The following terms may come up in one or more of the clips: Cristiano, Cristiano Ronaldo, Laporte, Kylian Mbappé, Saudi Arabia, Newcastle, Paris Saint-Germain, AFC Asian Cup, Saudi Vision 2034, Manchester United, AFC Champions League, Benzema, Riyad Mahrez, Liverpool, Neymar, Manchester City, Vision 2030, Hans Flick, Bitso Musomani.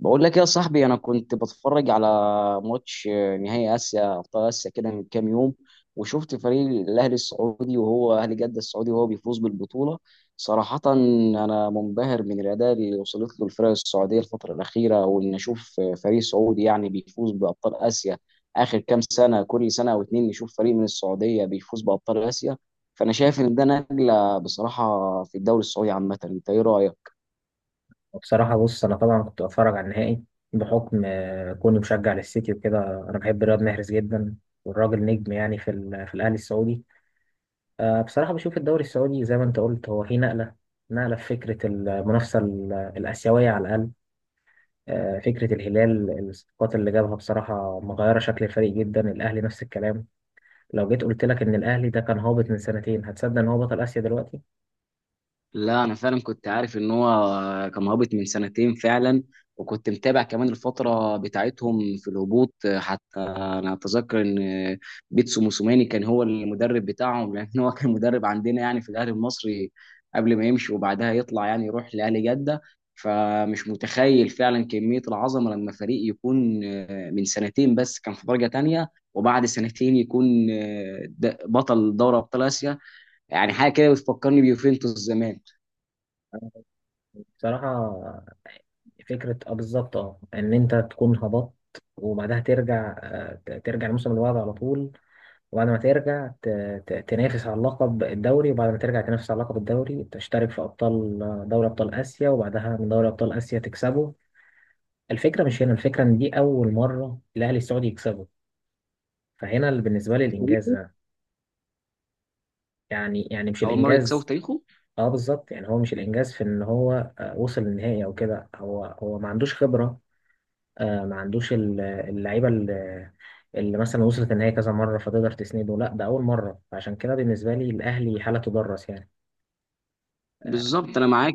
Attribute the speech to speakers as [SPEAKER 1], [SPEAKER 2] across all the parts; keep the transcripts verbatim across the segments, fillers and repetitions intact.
[SPEAKER 1] بقول لك يا صاحبي، انا كنت بتفرج على ماتش نهائي اسيا ابطال اسيا كده من كام يوم. وشفت فريق الاهلي السعودي، وهو اهلي جده السعودي، وهو بيفوز بالبطوله. صراحه انا منبهر من الاداء اللي وصلت له الفرق السعوديه الفتره الاخيره، وان اشوف فريق سعودي يعني بيفوز بابطال اسيا. اخر كام سنه، كل سنه او اتنين نشوف فريق من السعوديه بيفوز بابطال اسيا. فانا شايف ان ده نقله بصراحه في الدوري السعودي عامه. انت ايه رايك؟
[SPEAKER 2] بصراحة، بص، أنا طبعا كنت بتفرج على النهائي بحكم آه، كوني مشجع للسيتي وكده. أنا بحب رياض محرز جدا، والراجل نجم يعني في ال- في الأهلي السعودي. آه، بصراحة، بشوف الدوري السعودي زي ما أنت قلت، هو فيه نقلة نقلة في فكرة المنافسة ال- الآسيوية على الأقل. آه، فكرة الهلال، الصفقات اللي جابها بصراحة مغيرة شكل الفريق جدا. الأهلي نفس الكلام. لو جيت قلت لك إن الأهلي ده كان هابط من سنتين، هتصدق إن هو بطل آسيا دلوقتي؟
[SPEAKER 1] لا انا فعلا كنت عارف ان هو كان هابط من سنتين فعلا، وكنت متابع كمان الفتره بتاعتهم في الهبوط. حتى انا اتذكر ان بيتسو موسوماني كان هو المدرب بتاعهم، لان هو كان مدرب عندنا يعني في الاهلي المصري قبل ما يمشي، وبعدها يطلع يعني يروح لاهلي جده. فمش متخيل فعلا كميه العظمه لما فريق يكون من سنتين بس كان في درجه تانية، وبعد سنتين يكون بطل دوري ابطال اسيا. يعني حاجه كده بتفكرني بيوفنتوس زمان.
[SPEAKER 2] بصراحة، فكرة، اه بالظبط، اه ان انت تكون هبطت وبعدها ترجع، آه، ت- ترجع الموسم اللي بعده على طول. وبعد ما ترجع، ت- ت- تنافس على اللقب الدوري، وبعد ما ترجع تنافس على لقب الدوري تشترك في ابطال، آه، دوري ابطال اسيا، وبعدها من دوري ابطال اسيا تكسبه. الفكرة مش هنا. الفكرة ان دي اول مرة الاهلي السعودي يكسبه. فهنا اللي بالنسبة لي الانجاز
[SPEAKER 1] تاريخه،
[SPEAKER 2] ده، يعني يعني مش
[SPEAKER 1] اول مره يكسبوا في
[SPEAKER 2] الانجاز.
[SPEAKER 1] تاريخه.
[SPEAKER 2] اه، بالظبط، يعني هو مش الانجاز في ان هو آه، وصل للنهائي او كده. هو هو ما عندوش خبرة. آه، ما عندوش ال- اللعيبه اللي, اللي مثلا وصلت النهائي كذا مره فتقدر تسنده. لا، ده اول مره، فعشان كده بالنسبه لي الاهلي حاله تدرس، يعني. آه،
[SPEAKER 1] بالظبط، انا معاك،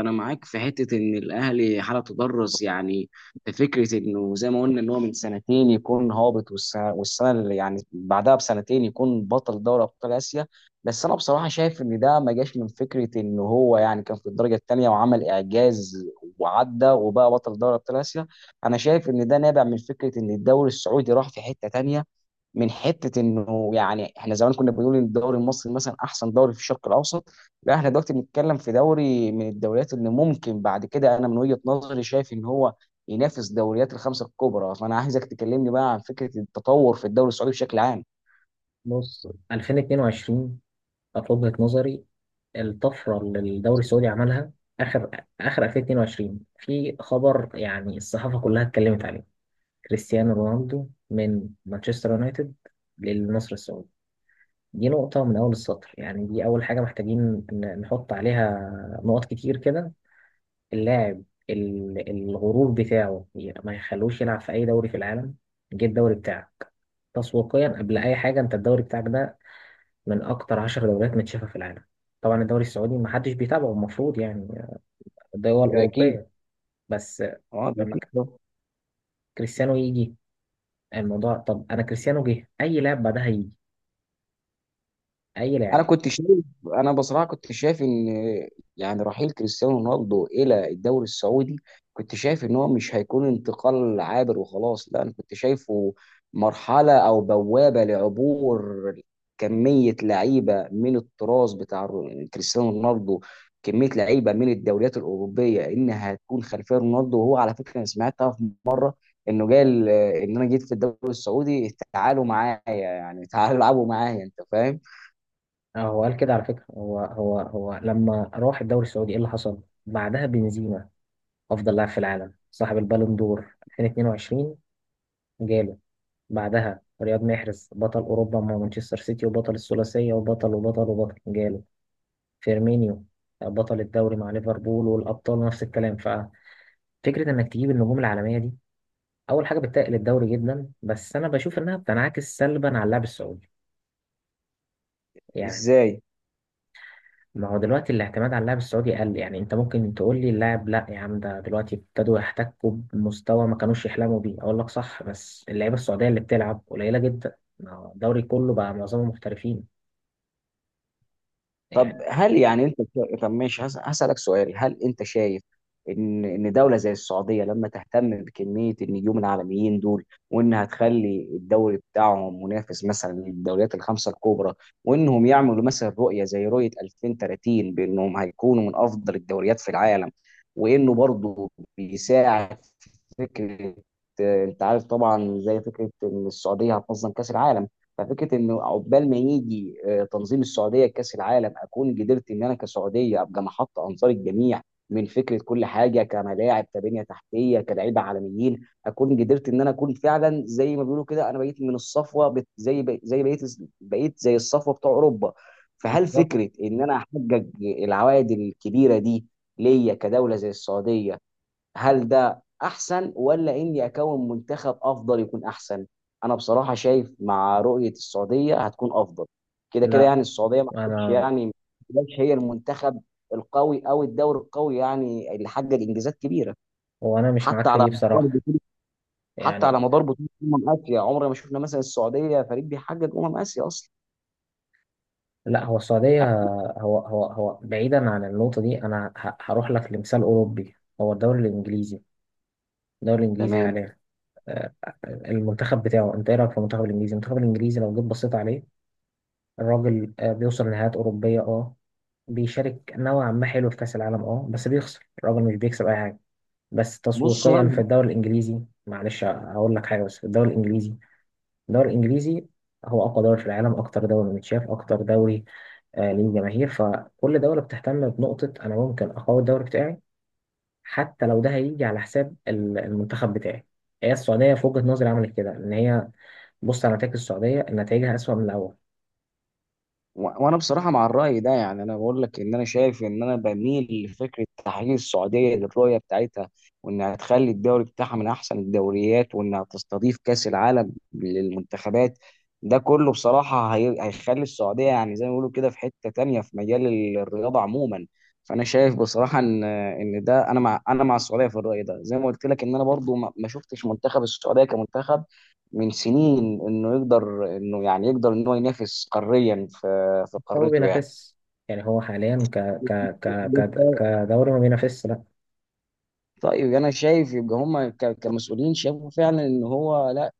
[SPEAKER 1] انا معاك في حته ان الاهلي حاله تدرس يعني في فكره انه زي ما قلنا ان هو من سنتين يكون هابط، والسنه والسنه اللي يعني بعدها بسنتين يكون بطل دوري ابطال اسيا. بس انا بصراحه شايف ان ده ما جاش من فكره ان هو يعني كان في الدرجه الثانيه وعمل اعجاز وعدى وبقى بطل دوري ابطال اسيا. انا شايف ان ده نابع من فكره ان الدوري السعودي راح في حته تانيه. من حته انه يعني احنا زمان كنا بنقول ان الدوري المصري مثلا احسن دوري في الشرق الاوسط، لا احنا دلوقتي بنتكلم في دوري من الدوريات اللي ممكن بعد كده، انا من وجهه نظري شايف ان هو ينافس دوريات الخمسه الكبرى. فانا عايزك تكلمني بقى عن فكره التطور في الدوري السعودي بشكل عام.
[SPEAKER 2] بص، ألفين واتنين وعشرين كانت وجهه نظري الطفره اللي الدوري السعودي عملها. اخر اخر ألفين واتنين وعشرين في خبر يعني الصحافه كلها اتكلمت عليه: كريستيانو رونالدو من مانشستر يونايتد للنصر السعودي. دي نقطة من أول السطر، يعني دي أول حاجة محتاجين ن- نحط عليها نقط كتير كده. اللاعب، ال- الغرور بتاعه ي- ما يخلوش يلعب في اي دوري في العالم. جه الدوري بتاعك. تسويقيا قبل اي حاجه، انت الدوري بتاعك ده من اكتر عشر دوريات متشافه في العالم. طبعا الدوري السعودي ما حدش بيتابعه، المفروض يعني الدول
[SPEAKER 1] ده اكيد.
[SPEAKER 2] الاوروبيه. بس
[SPEAKER 1] اه ده
[SPEAKER 2] لما ك-
[SPEAKER 1] اكيد.
[SPEAKER 2] كريستيانو يجي، الموضوع، طب انا كريستيانو جه، اي لاعب بعدها يجي. اي لاعب.
[SPEAKER 1] انا كنت شايف، انا بصراحه كنت شايف ان يعني رحيل كريستيانو رونالدو الى الدوري السعودي، كنت شايف ان هو مش هيكون انتقال عابر وخلاص. لا انا كنت شايفه مرحله او بوابه لعبور كميه لعيبه من التراث بتاع رو- كريستيانو رونالدو، كميه لعيبه من الدوريات الاوروبيه انها هتكون خلفيه رونالدو. وهو على فكره انا سمعتها في مره انه قال آه، ان انا جيت في الدوري السعودي تعالوا معايا، يعني تعالوا العبوا معايا، انت فاهم؟
[SPEAKER 2] آه، هو قال كده على فكره. هو هو هو لما راح الدوري السعودي، ايه اللي حصل بعدها؟ بنزيما، افضل لاعب في العالم، صاحب البالون دور ألفين واتنين وعشرين، جاله. بعدها رياض محرز، بطل أوروبا مع مانشستر سيتي وبطل الثلاثية وبطل وبطل وبطل، جاله. فيرمينيو، آه، بطل الدوري مع ليفربول والأبطال، نفس الكلام. ففكرة إنك تجيب النجوم العالمية دي أول حاجة بتقل الدوري جدا، بس أنا بشوف إنها بتنعكس سلبا على اللاعب السعودي، يعني.
[SPEAKER 1] ازاي؟
[SPEAKER 2] ما هو دلوقتي الاعتماد على اللاعب السعودي قل. يعني أنت ممكن تقول لي: اللاعب، لا يا عم، ده دلوقتي ابتدوا يحتكوا بمستوى ما كانوش يحلموا بيه. أقول لك صح، بس اللعيبة السعودية اللي بتلعب قليلة جدا، ما هو الدوري كله بقى معظمهم محترفين،
[SPEAKER 1] طب
[SPEAKER 2] يعني.
[SPEAKER 1] هل يعني انت شا- طب ماشي، هس- هسألك سؤال، هل انت شايف ان ان دولة زي السعودية لما تهتم بكمية النجوم العالميين دول، وانها تخلي الدوري بتاعهم منافس مثلا للدوريات الخمسة الكبرى، وانهم يعملوا مثلا رؤية زي رؤية ألفين وتلاتين بانهم هيكونوا من افضل الدوريات في العالم، وانه برضه بيساعد فكره، آه، انت عارف طبعا زي فكره ان السعوديه هتنظم كاس العالم. ففكره ان عقبال ما يجي آه، تنظيم السعوديه كاس العالم، اكون قدرت ان انا كسعوديه ابقى محط انظار الجميع من فكره كل حاجه، كملاعب، كبنيه تحتيه، كلاعيبه عالميين، اكون قدرت ان انا اكون فعلا زي ما بيقولوا كده انا بقيت من الصفوه، بت- زي ب- زي بقيت بقيت زي الصفوه بتوع اوروبا. فهل فكره ان انا احقق العوائد الكبيره دي ليا كدوله زي السعوديه، هل ده احسن، ولا اني اكون منتخب افضل يكون احسن؟ انا بصراحه شايف مع رؤيه السعوديه هتكون افضل. كده كده
[SPEAKER 2] لا،
[SPEAKER 1] يعني السعوديه ما كانتش،
[SPEAKER 2] انا
[SPEAKER 1] يعني ما كانتش هي المنتخب القوي او الدوري القوي يعني اللي حقق انجازات كبيره
[SPEAKER 2] هو انا مش معاك
[SPEAKER 1] حتى
[SPEAKER 2] في
[SPEAKER 1] على
[SPEAKER 2] دي
[SPEAKER 1] مدار
[SPEAKER 2] بصراحه،
[SPEAKER 1] بطوله. حتى
[SPEAKER 2] يعني.
[SPEAKER 1] على مدار بطوله امم اسيا عمرنا ما شفنا مثلا السعوديه فريق بيحقق امم اسيا اصلا.
[SPEAKER 2] لا، هو السعوديه. هو هو هو بعيدا عن النقطه دي، انا ه- هروح لك لمثال اوروبي، هو الدوري الانجليزي. الدوري الانجليزي
[SPEAKER 1] تمام.
[SPEAKER 2] حاليا، آه، المنتخب بتاعه، انت ايه رايك في المنتخب الانجليزي المنتخب الانجليزي لو جيت بصيت عليه، الراجل آه، بيوصل نهائيات اوروبيه، اه بيشارك نوعا ما حلو في كاس العالم، اه بس بيخسر. الراجل مش بيكسب اي حاجه، بس
[SPEAKER 1] بص،
[SPEAKER 2] تسويقيا في
[SPEAKER 1] وانا،
[SPEAKER 2] الدوري الانجليزي. معلش، هقول لك حاجه، بس في الدوري الانجليزي الدوري الانجليزي هو اقوى دوري في العالم، اكتر دوري متشاف، اكتر دوري آه ليه جماهير. فكل دوله بتهتم بنقطه، انا ممكن اقوي الدوري بتاعي، حتى لو ده هيجي على حساب ال- المنتخب بتاعي. هي السعوديه في وجهه نظري عملت كده، ان هي بص على نتائج السعوديه، نتائجها اسوأ من الاول.
[SPEAKER 1] و- وانا بصراحه مع الراي ده، يعني انا بقول لك ان انا شايف ان انا بميل لفكره تحقيق السعوديه للرؤيه بتاعتها، وانها تخلي الدوري بتاعها من احسن الدوريات، وانها تستضيف كاس العالم للمنتخبات. ده كله بصراحه هي- هيخلي السعوديه يعني زي ما بيقولوا كده في حته تانية في مجال ال- الرياضه عموما. فانا شايف بصراحه ان ان ده، انا مع، انا مع السعوديه في الراي ده. زي ما قلت لك ان انا برضو ما ما شفتش منتخب السعوديه كمنتخب من سنين انه يقدر انه يعني يقدر ان هو ينافس قاريا في في
[SPEAKER 2] فهو
[SPEAKER 1] قارته يعني.
[SPEAKER 2] بينافس، يعني هو حاليا ك ك ك ك كدوري ما بينافسش، لا.
[SPEAKER 1] طيب انا شايف يبقى هم ك- كمسؤولين شافوا فعلا ان هو لا،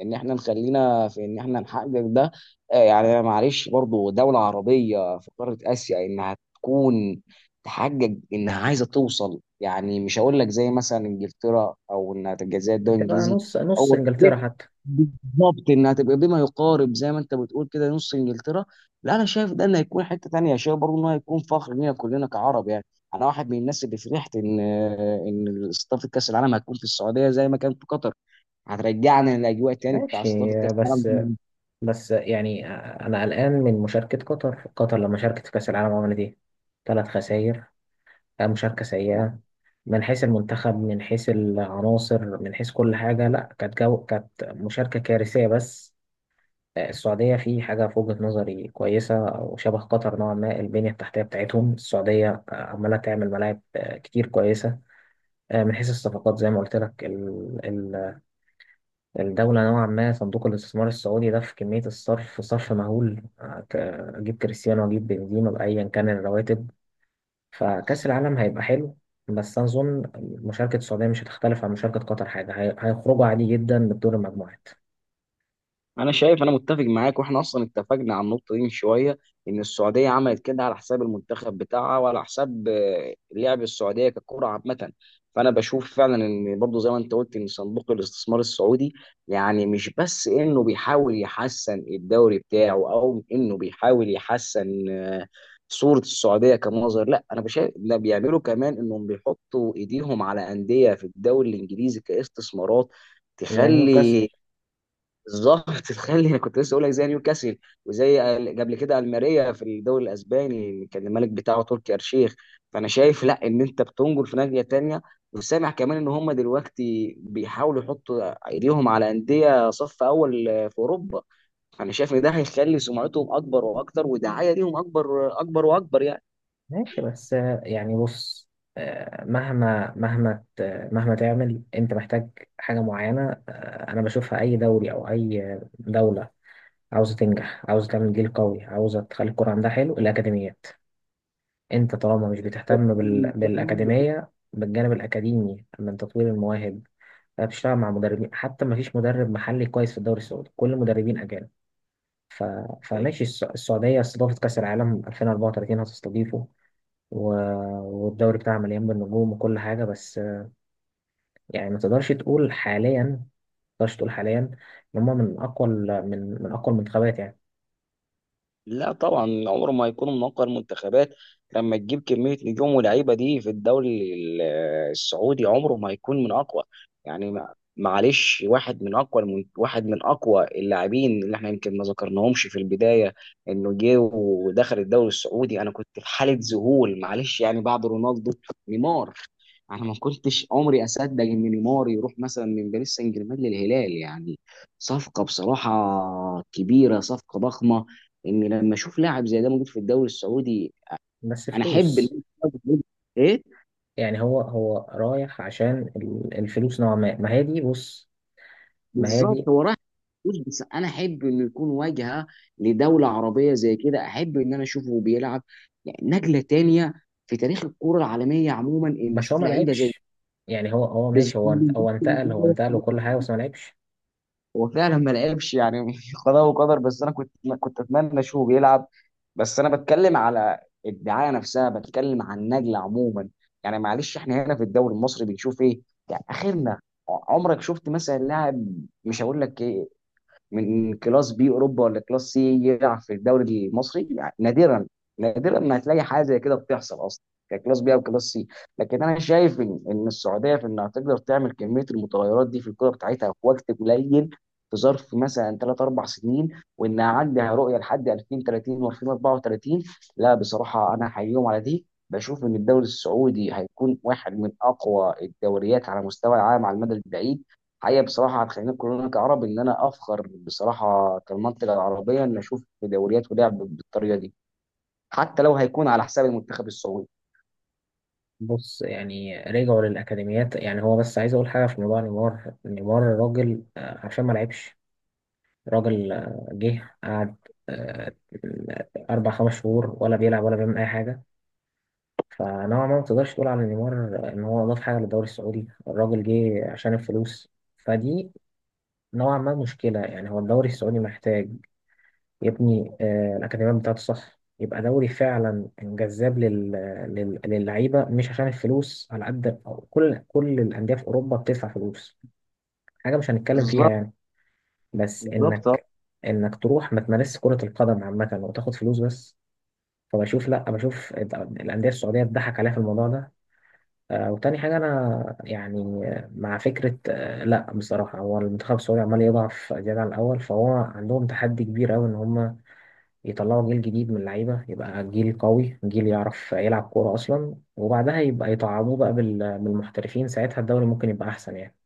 [SPEAKER 1] ان احنا نخلينا في ان احنا نحقق ده. آه، يعني أنا معلش برضو دولة عربية في قارة اسيا انها تكون، تحقق انها عايزة توصل، يعني مش هقول لك زي مثلا انجلترا او انها تبقى زي الدول
[SPEAKER 2] هتبقى
[SPEAKER 1] الانجليزي،
[SPEAKER 2] نص نص
[SPEAKER 1] او
[SPEAKER 2] انجلترا حتى.
[SPEAKER 1] بالظبط انها تبقى بما يقارب زي ما انت بتقول كده نص انجلترا، لا انا شايف ده انه هيكون حته تانيه. شايف برضه انه هيكون فخر لينا كلنا كعرب يعني. انا واحد من الناس اللي فرحت ان ان استضافه كاس العالم هتكون في السعوديه زي ما كان في قطر. هترجعنا للاجواء تاني بتاع
[SPEAKER 2] ماشي،
[SPEAKER 1] استضافه كاس
[SPEAKER 2] بس
[SPEAKER 1] العالم.
[SPEAKER 2] بس يعني، آه، انا قلقان من مشاركه قطر. قطر لما شاركت في كاس العالم، عملت ايه؟ ثلاث خسائر. آه، مشاركه سيئه من حيث المنتخب، من حيث العناصر، من حيث كل حاجه. لا، كانت جو كانت مشاركه كارثيه بس. آه، السعوديه في حاجه في وجهه نظري كويسه او شبه قطر نوعا ما: البنيه التحتيه بتاعتهم. السعوديه آه، عماله تعمل ملاعب آه، كتير كويسه. آه، من حيث الصفقات، زي ما قلت لك، الدولة نوعا ما صندوق الاستثمار السعودي ده، في كمية الصرف، صرف مهول. هت- أجيب كريستيانو، أجيب بنزيما، بأيا كان الرواتب. فكأس العالم هيبقى حلو، بس أظن مشاركة السعودية مش هتختلف عن مشاركة قطر حاجة. هي- هيخرجوا عادي جدا من دور المجموعات.
[SPEAKER 1] انا شايف، انا متفق معاك، واحنا اصلا اتفقنا على النقطه دي من شويه، ان السعوديه عملت كده على حساب المنتخب بتاعها وعلى حساب آه، لعب السعوديه ككره عامه. فانا بشوف فعلا ان برضه زي ما انت قلت ان صندوق الاستثمار السعودي، يعني مش بس انه بيحاول يحسن الدوري بتاعه، او انه بيحاول يحسن آه، صوره السعوديه كمنظر. لا انا بشايف ده، بيعملوا كمان انهم بيحطوا ايديهم على انديه في الدوري الانجليزي كاستثمارات
[SPEAKER 2] يعني نيوكاسل.
[SPEAKER 1] تخلي، بالظبط. تخيل، انا كنت لسه اقول لك زي نيوكاسل، وزي ال- قبل كده الماريا في الدوري الاسباني اللي كان الملك بتاعه تركي آل-شيخ. فانا شايف لا، ان انت بتنجر في ناحيه تانيه، وسامع كمان ان هم دلوقتي بيحاولوا يحطوا ايديهم على انديه صف اول في اوروبا. فانا شايف ان ده هيخلي سمعتهم اكبر واكتر، ودعايه ليهم اكبر اكبر واكبر
[SPEAKER 2] ماشي، بس آه، يعني، بص، آه، مهما مهما ت- مهما تعمل أنت محتاج حاجة معينة. آه، أنا بشوفها، أي دوري أو أي آه، دولة عاوزة تنجح، عاوزة تعمل جيل قوي، عاوزة تخلي الكرة عندها حلو، الأكاديميات. انت طالما مش بتهتم
[SPEAKER 1] يعني.
[SPEAKER 2] بال... بالاكاديميه، بالجانب الاكاديمي من تطوير المواهب، بتشتغل مع مدربين، حتى ما فيش مدرب محلي كويس في الدوري السعودي، كل مدربين اجانب. ف... فماشي، الس- السعوديه استضافت كاس العالم ألفين وأربعة وتلاتين، هتستضيفه و... والدوري بتاعها مليان بالنجوم وكل حاجه، بس. يعني ما تقدرش تقول حاليا ما تقدرش تقول حاليا ان هم من اقوى ال- من من اقوى المنتخبات، يعني.
[SPEAKER 1] لا طبعا عمره ما هيكون منقذ منتخبات، لما تجيب كمية نجوم ولاعيبة دي في الدوري ال- السعودي. عمره ما هيكون من أقوى يعني. ما- معلش، واحد من أقوى المن- واحد من أقوى اللاعبين اللي احنا يمكن ما ذكرناهمش في البداية، إنه جه ودخل الدوري السعودي أنا كنت في حالة ذهول. معلش يعني، بعد رونالدو، نيمار. أنا ما كنتش عمري أصدق إن نيمار يروح مثلا من باريس سان جيرمان للهلال يعني. صفقة بصراحة كبيرة، صفقة ضخمة، ان لما اشوف لاعب زي ده موجود في الدوري السعودي.
[SPEAKER 2] بس
[SPEAKER 1] انا احب ان،
[SPEAKER 2] فلوس،
[SPEAKER 1] ايه؟
[SPEAKER 2] يعني هو هو رايح عشان ال- الفلوس نوعا ما. ما هي دي، بص، ما هي
[SPEAKER 1] بالظبط،
[SPEAKER 2] دي.
[SPEAKER 1] هو رايح فلوس، بس انا احب انه يكون واجهه لدوله عربيه زي كده. احب ان انا اشوفه بيلعب، يعني نقله تانية في تاريخ الكره العالميه عموما، ان
[SPEAKER 2] بس هو
[SPEAKER 1] اشوف
[SPEAKER 2] ما
[SPEAKER 1] لعيبه زي.
[SPEAKER 2] لعبش، يعني هو هو ماشي، هو
[SPEAKER 1] بالظبط.
[SPEAKER 2] هو انتقل هو انتقل وكل حاجة، بس ما لعبش.
[SPEAKER 1] هو فعلا ما لعبش يعني. قضاء وقدر، بس انا كنت، كنت اتمنى اشوفه بيلعب. بس انا بتكلم على الدعايه نفسها، بتكلم عن النجله عموما. يعني معلش احنا هنا في الدوري المصري بنشوف ايه؟ يعني اخرنا، عمرك شفت مثلا لاعب، مش هقول لك إيه، من كلاس بي اوروبا ولا كلاس سي يلعب في الدوري المصري؟ يعني نادرا. نادرا ما هتلاقي حاجه زي كده بتحصل اصلا، ككلاس بي او كلاس سي. لكن انا شايف ان ان السعوديه في انها تقدر تعمل كميه المتغيرات دي في الكره بتاعتها في وقت قليل، في ظرف مثلا تلاتة اربع سنين، وانها عندها رؤيه لحد ألفين وتلاتين و2034، لا بصراحه انا احييهم على دي. بشوف ان الدوري السعودي هيكون واحد من اقوى الدوريات على مستوى العالم على المدى البعيد. حقيقة بصراحة هتخلينا كلنا كعرب إن أنا أفخر بصراحة كالمنطقة العربية إن أشوف دوريات ولعب بالطريقة دي، حتى لو هيكون على حساب المنتخب السعودي.
[SPEAKER 2] بص، يعني رجعوا للأكاديميات. يعني هو، بس عايز أقول حاجة في موضوع نيمار. نيمار راجل، آه، عشان ما لعبش. راجل آه، جه قعد آه، أربع خمس شهور، ولا بيلعب ولا بيعمل أي حاجة. فنوعا ما، ما تقدرش تقول على نيمار إن هو أضاف حاجة للدوري السعودي. الراجل جه عشان الفلوس. فدي نوعا ما مشكلة، يعني هو الدوري السعودي محتاج، يا ابني آه، الأكاديمية بتاعته صح، يبقى دوري فعلا جذاب لل... لل... للعيبة، مش عشان الفلوس على قد أو كل كل الأندية في أوروبا بتدفع فلوس، حاجة مش هنتكلم فيها،
[SPEAKER 1] بالظبط
[SPEAKER 2] يعني. بس
[SPEAKER 1] بالظبط.
[SPEAKER 2] إنك إنك تروح ما تمارسش كرة القدم عامة وتاخد فلوس بس. فبشوف، لأ، بشوف الد- الأندية السعودية اتضحك عليها في الموضوع ده. آه، وتاني حاجة، أنا يعني مع فكرة، آه، لأ بصراحة هو المنتخب السعودي عمال يضعف زيادة عن الأول. فهو عندهم تحدي كبير أوي إن هم يطلعوا جيل جديد من اللعيبة، يبقى جيل قوي، جيل يعرف يلعب كورة أصلا، وبعدها يبقى يطعموه بقى بال- بالمحترفين، ساعتها الدوري ممكن يبقى أحسن، يعني.